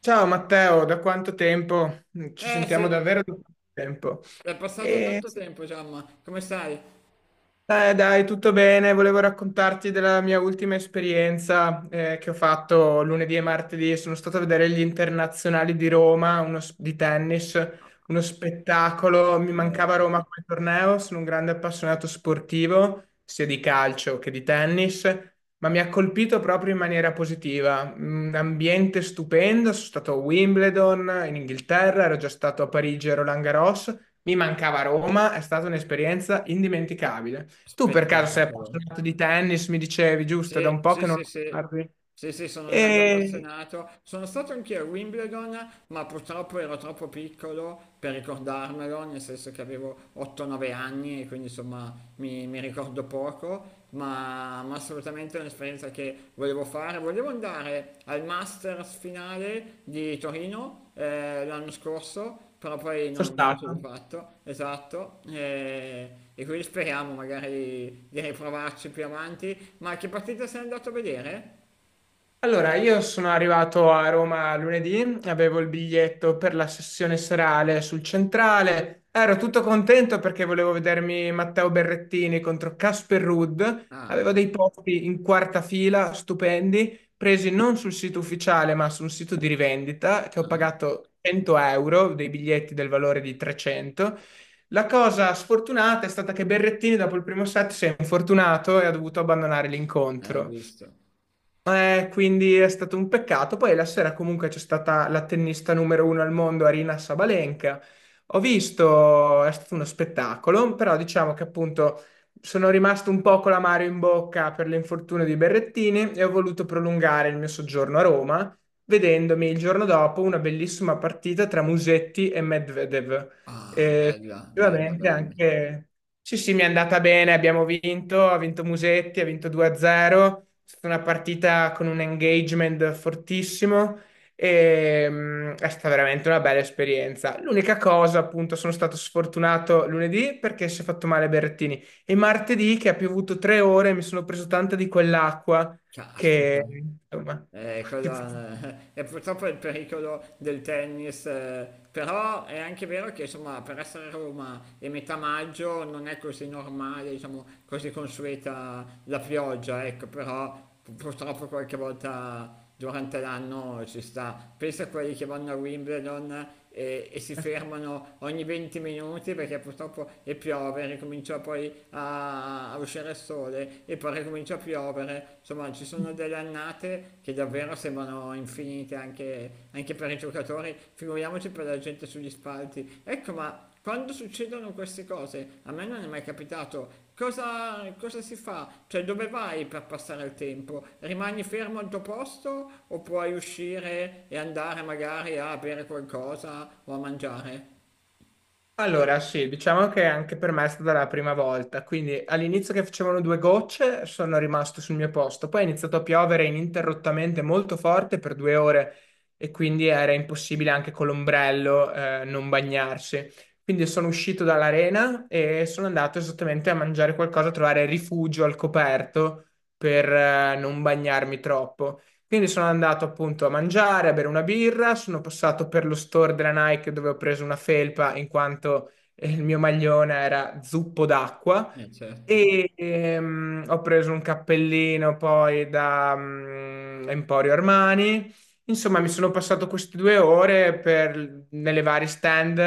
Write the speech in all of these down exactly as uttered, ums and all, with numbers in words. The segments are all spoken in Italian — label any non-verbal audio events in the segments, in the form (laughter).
Ciao Matteo, da quanto tempo? Ci Eh sentiamo sì, davvero da quanto tempo. è passato E- tanto tempo, Giamma. Come stai? eh, dai, tutto bene. Volevo raccontarti della mia ultima esperienza eh, che ho fatto lunedì e martedì. Sono stato a vedere gli internazionali di Roma, uno s- di tennis, uno spettacolo. Mi Eh, mancava Roma come torneo. Sono un grande appassionato sportivo, sia di calcio che di tennis, ma mi ha colpito proprio in maniera positiva. Un ambiente stupendo. Sono stato a Wimbledon in Inghilterra, ero già stato a Parigi a Roland Garros. Mi mancava Roma, è stata un'esperienza indimenticabile. Tu per caso sei spettacolo. appassionato di tennis, mi dicevi, giusto? Da un Sì, po' sì, che non sì, lo sì. guardi. Sì, sì, sono un grande E appassionato. Sono stato anche a Wimbledon, ma purtroppo ero troppo piccolo per ricordarmelo, nel senso che avevo otto nove anni e quindi insomma mi, mi ricordo poco, ma, ma assolutamente è un'esperienza che volevo fare. Volevo andare al Masters finale di Torino eh, l'anno scorso, però poi sono non, non ce l'ho stato. fatto, esatto, e, e quindi speriamo magari di riprovarci più avanti. Ma che partita sei andato a vedere? Allora, io sono arrivato a Roma lunedì, avevo il biglietto per la sessione serale sul Centrale, ero tutto contento perché volevo vedermi Matteo Berrettini contro Casper Ruud, Ah, avevo dei posti in quarta fila, stupendi, presi non sul sito ufficiale ma su un sito di rivendita che ho ah, pagato cento euro, dei biglietti del valore di trecento. La cosa sfortunata è stata che Berrettini dopo il primo set si è infortunato e ha dovuto abbandonare eh, ho l'incontro. visto. Eh, quindi è stato un peccato. Poi la sera comunque c'è stata la tennista numero uno al mondo, Arina Sabalenka. Ho visto, è stato uno spettacolo, però diciamo che appunto sono rimasto un po' con l'amaro in bocca per l'infortunio di Berrettini e ho voluto prolungare il mio soggiorno a Roma, vedendomi il giorno dopo una bellissima partita tra Musetti e Medvedev. Ah, E bella, bella, effettivamente bella. anche... Sì, sì, mi è andata bene, abbiamo vinto, ha vinto Musetti, ha vinto due a zero. È stata una partita con un engagement fortissimo e mh, è stata veramente una bella esperienza. L'unica cosa, appunto, sono stato sfortunato lunedì perché si è fatto male Berrettini e martedì che ha piovuto tre ore mi sono preso tanta di quell'acqua che, Caspita. insomma, Eh, (laughs) quella- (laughs) è purtroppo il pericolo del tennis, eh, però è anche vero che insomma per essere a Roma e metà maggio non è così normale, diciamo così consueta la pioggia, ecco, però pu- purtroppo qualche volta durante l'anno ci sta. Pensa a quelli che vanno a Wimbledon e, e si fermano ogni venti minuti perché purtroppo e piove, ricomincia poi a, a uscire il sole e poi ricomincia a piovere. Insomma, ci sono delle annate che davvero sembrano infinite anche, anche per i giocatori, figuriamoci per la gente sugli spalti. Ecco, ma quando succedono queste cose, a me non è mai capitato, cosa, cosa si fa? Cioè dove vai per passare il tempo? Rimani fermo al tuo posto o puoi uscire e andare magari a bere qualcosa o a mangiare? Allora, sì, diciamo che anche per me è stata la prima volta, quindi all'inizio che facevano due gocce sono rimasto sul mio posto, poi è iniziato a piovere ininterrottamente molto forte per due ore e quindi era impossibile anche con l'ombrello eh, non bagnarsi. Quindi sono uscito dall'arena e sono andato esattamente a mangiare qualcosa, a trovare rifugio al coperto per eh, non bagnarmi troppo. Quindi sono andato appunto a mangiare, a bere una birra, sono passato per lo store della Nike dove ho preso una felpa in quanto eh, il mio maglione era zuppo d'acqua Eh certo, e ehm, ho preso un cappellino poi da mm, Emporio Armani. Insomma, mi sono passato queste due ore per- nelle varie stand,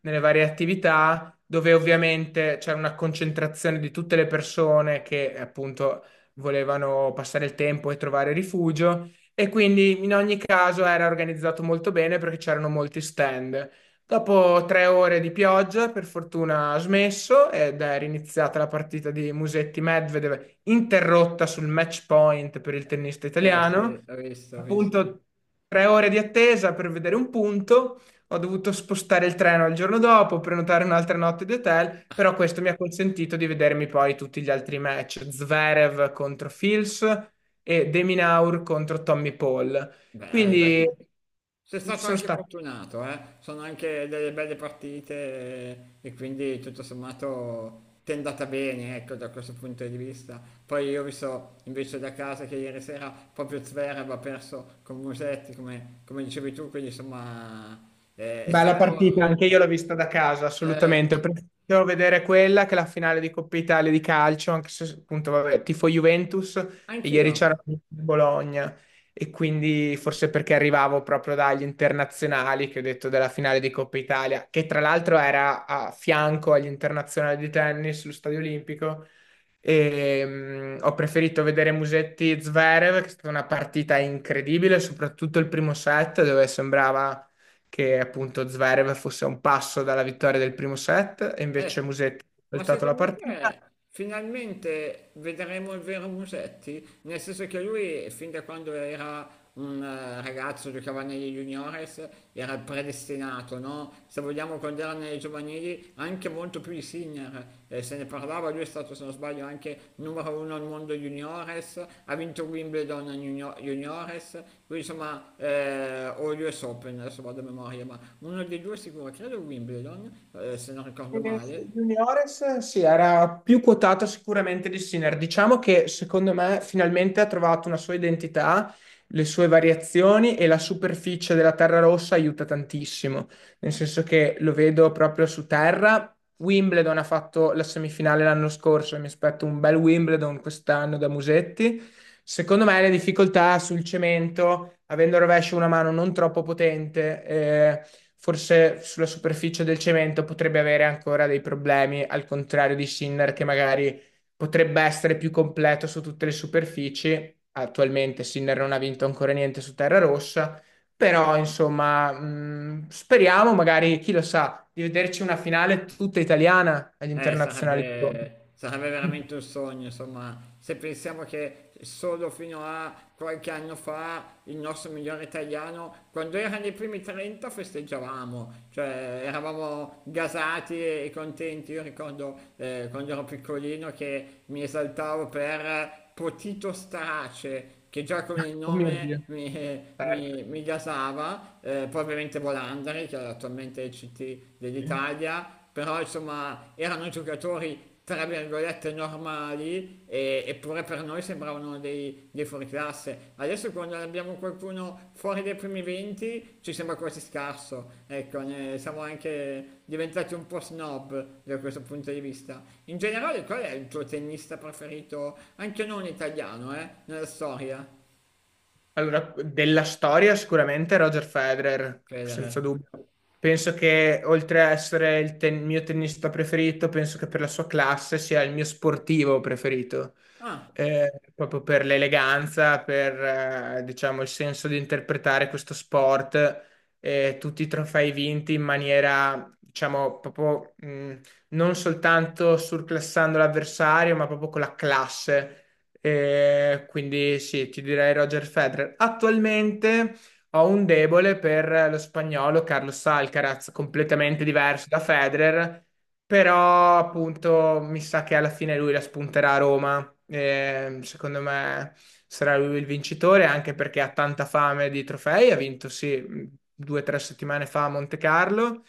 nelle varie attività, dove ovviamente c'era una concentrazione di tutte le persone che appunto volevano passare il tempo e trovare rifugio. E quindi in ogni caso era organizzato molto bene perché c'erano molti stand. Dopo tre ore di pioggia, per fortuna ha smesso ed è riniziata la partita di Musetti-Medvedev, interrotta sul match point per il tennista eh sì, italiano. ho visto, ho visto. Appunto, tre ore di attesa per vedere un punto. Ho dovuto spostare il treno al giorno dopo, prenotare un'altra notte di hotel, però questo mi ha consentito di vedermi poi tutti gli altri match. Zverev contro Fils e Deminaur contro Tommy Paul. Beh, beh. Quindi Sei stato sono anche stato. fortunato, eh? Sono anche delle belle partite e quindi tutto sommato ti è andata bene, ecco, da questo punto di vista. Poi io ho visto invece da casa che ieri sera proprio Zverev ha perso con Musetti, come, come dicevi tu, quindi insomma eh, è Bella partita, stato... anche io l'ho vista da casa, eh, assolutamente. Ho preferito vedere quella che la finale di Coppa Italia di calcio, anche se appunto, vabbè, tifo Juventus e anch'io, ieri c'era Bologna e quindi forse perché arrivavo proprio dagli internazionali che ho detto della finale di Coppa Italia, che tra l'altro era a fianco agli internazionali di tennis sullo Stadio Olimpico. E, mh, ho preferito vedere Musetti Zverev, che è stata una partita incredibile, soprattutto il primo set dove sembrava che appunto Zverev fosse a un passo dalla vittoria del primo set e invece eh, Musetti ha ma voltato la secondo partita. te finalmente vedremo il vero Musetti? Nel senso che lui, fin da quando era un eh, ragazzo, giocava negli juniores, era predestinato, no? Se vogliamo, quando era nelle giovanili, anche molto più di Sinner. Eh, se ne parlava, lui è stato, se non sbaglio, anche numero uno al mondo juniores, ha vinto Wimbledon junior- juniores, lui insomma, eh, o l'U S Open, adesso vado a memoria, ma uno dei due sicuro, credo Wimbledon, eh, se non ricordo E male, juniores sì, era più quotato sicuramente di Sinner. Diciamo che secondo me finalmente ha trovato una sua identità, le sue variazioni e la superficie della terra rossa aiuta tantissimo, nel senso che lo vedo proprio su terra, Wimbledon ha fatto la semifinale l'anno scorso, e mi aspetto un bel Wimbledon quest'anno da Musetti. Secondo me le difficoltà sul cemento, avendo il rovescio una mano non troppo potente, eh, forse sulla superficie del cemento potrebbe avere ancora dei problemi, al contrario di Sinner che magari potrebbe essere più completo su tutte le superfici. Attualmente Sinner non ha vinto ancora niente su terra rossa però, insomma, mh, speriamo magari, chi lo sa, di vederci una finale tutta italiana agli eh, internazionali di Roma. sarebbe, sarebbe (laughs) veramente un sogno, insomma, se pensiamo che solo fino a qualche anno fa il nostro migliore italiano, quando era nei primi trenta, festeggiavamo, cioè eravamo gasati e contenti. Io ricordo eh, quando ero piccolino che mi esaltavo per Potito Strace, che già con il Oh mio nome Dio, mi, certo. mi, mi gasava, eh, poi ovviamente Volandri, che è attualmente il C T Sì. dell'Italia, però insomma erano giocatori tra virgolette normali e- eppure per noi sembravano dei, dei fuoriclasse classe. Adesso quando abbiamo qualcuno fuori dai primi venti ci sembra quasi scarso, ecco, ne siamo anche diventati un po' snob da questo punto di vista. In generale qual è il tuo tennista preferito, anche non italiano, eh, nella storia? Allora, della storia sicuramente Roger Federer, senza Federer. dubbio. Penso che oltre a essere il ten- mio tennista preferito, penso che per la sua classe sia il mio sportivo preferito. Ah. Eh, proprio per l'eleganza, per eh, diciamo il senso di interpretare questo sport, eh, tutti i trofei vinti in maniera, diciamo, proprio mh, non soltanto surclassando l'avversario, ma proprio con la classe e quindi sì, ti direi Roger Federer. Attualmente ho un debole per lo spagnolo Carlos Alcaraz, completamente diverso da Federer, però appunto mi sa che alla fine lui la spunterà a Roma. E, secondo me sarà lui il vincitore, anche perché ha tanta fame di trofei. Ha vinto, sì, due o tre settimane fa a Monte Carlo.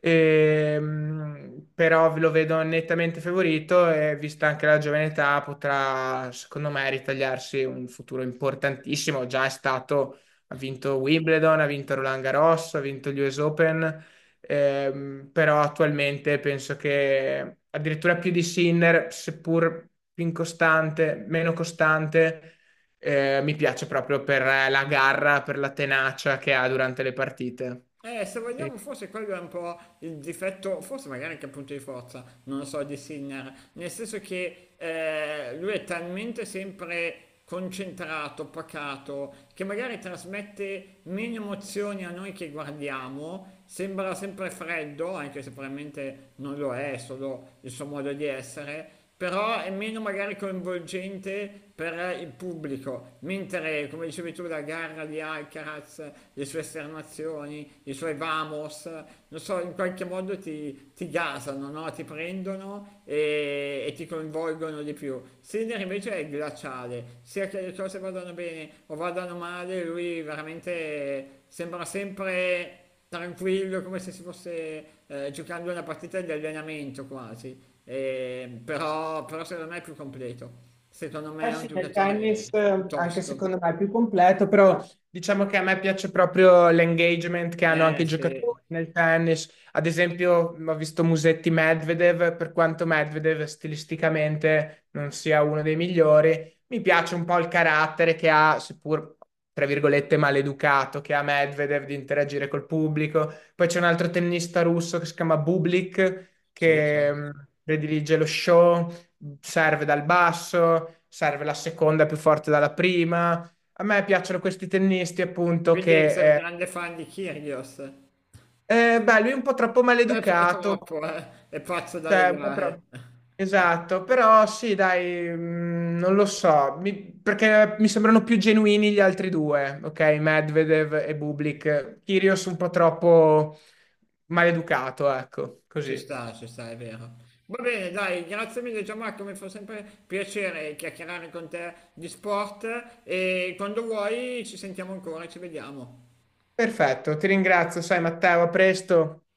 Ehm, però lo vedo nettamente favorito e vista anche la giovane età potrà, secondo me, ritagliarsi un futuro importantissimo. Già è stato, ha vinto Wimbledon, ha vinto Roland Garros, ha vinto gli U S Open, ehm, però attualmente penso che addirittura più di Sinner, seppur più incostante, meno costante, eh, mi piace proprio per la garra, per la tenacia che ha durante le partite. Eh, se vogliamo, forse quello è un po' il difetto, forse magari anche il punto di forza, non lo so, di Sinner, nel senso che eh, lui è talmente sempre concentrato, pacato, che magari trasmette meno emozioni a noi che guardiamo, sembra sempre freddo, anche se probabilmente non lo è, è solo il suo modo di essere, però è meno magari coinvolgente per il pubblico, mentre come dicevi tu la gara di Alcaraz, le sue esternazioni, i suoi vamos, non so, in qualche modo ti, ti gasano, no? Ti prendono e, e ti coinvolgono di più. Sinner invece è glaciale, sia che le cose vadano bene o vadano male, lui veramente sembra sempre tranquillo, come se si fosse eh, giocando una partita di allenamento quasi. Eh, però, però secondo me è più completo. Secondo me Eh è un sì, nel giocatore tennis eh, anche piuttosto. secondo me è più completo, però diciamo che a me piace proprio l'engagement che hanno Eh, anche i sì, giocatori nel tennis. Ad esempio, ho visto Musetti Medvedev, per quanto Medvedev stilisticamente non sia uno dei migliori, mi piace un po' il carattere che ha, seppur tra virgolette maleducato, che ha Medvedev di interagire col pubblico. Poi c'è un altro tennista russo che si chiama Bublik, sì, che certo. mh, predilige lo show, serve dal basso, serve la seconda più forte dalla prima. A me piacciono questi tennisti, appunto, Quindi sei un che eh, grande fan di Kyrgios. eh, beh, lui è un po' troppo È, è maleducato, troppo, eh. È pazzo da cioè un po' legare. troppo. Esatto, però sì, dai, mm, non lo so, mi- perché mi sembrano più genuini gli altri due, ok? Medvedev e Bublik. Kyrgios un po' troppo maleducato, ecco, Ci così. sta, ci sta, è vero. Va bene, dai, grazie mille Gianmarco, mi fa sempre piacere chiacchierare con te di sport e quando vuoi ci sentiamo ancora, ci vediamo. Perfetto, ti ringrazio, sai Matteo, a presto.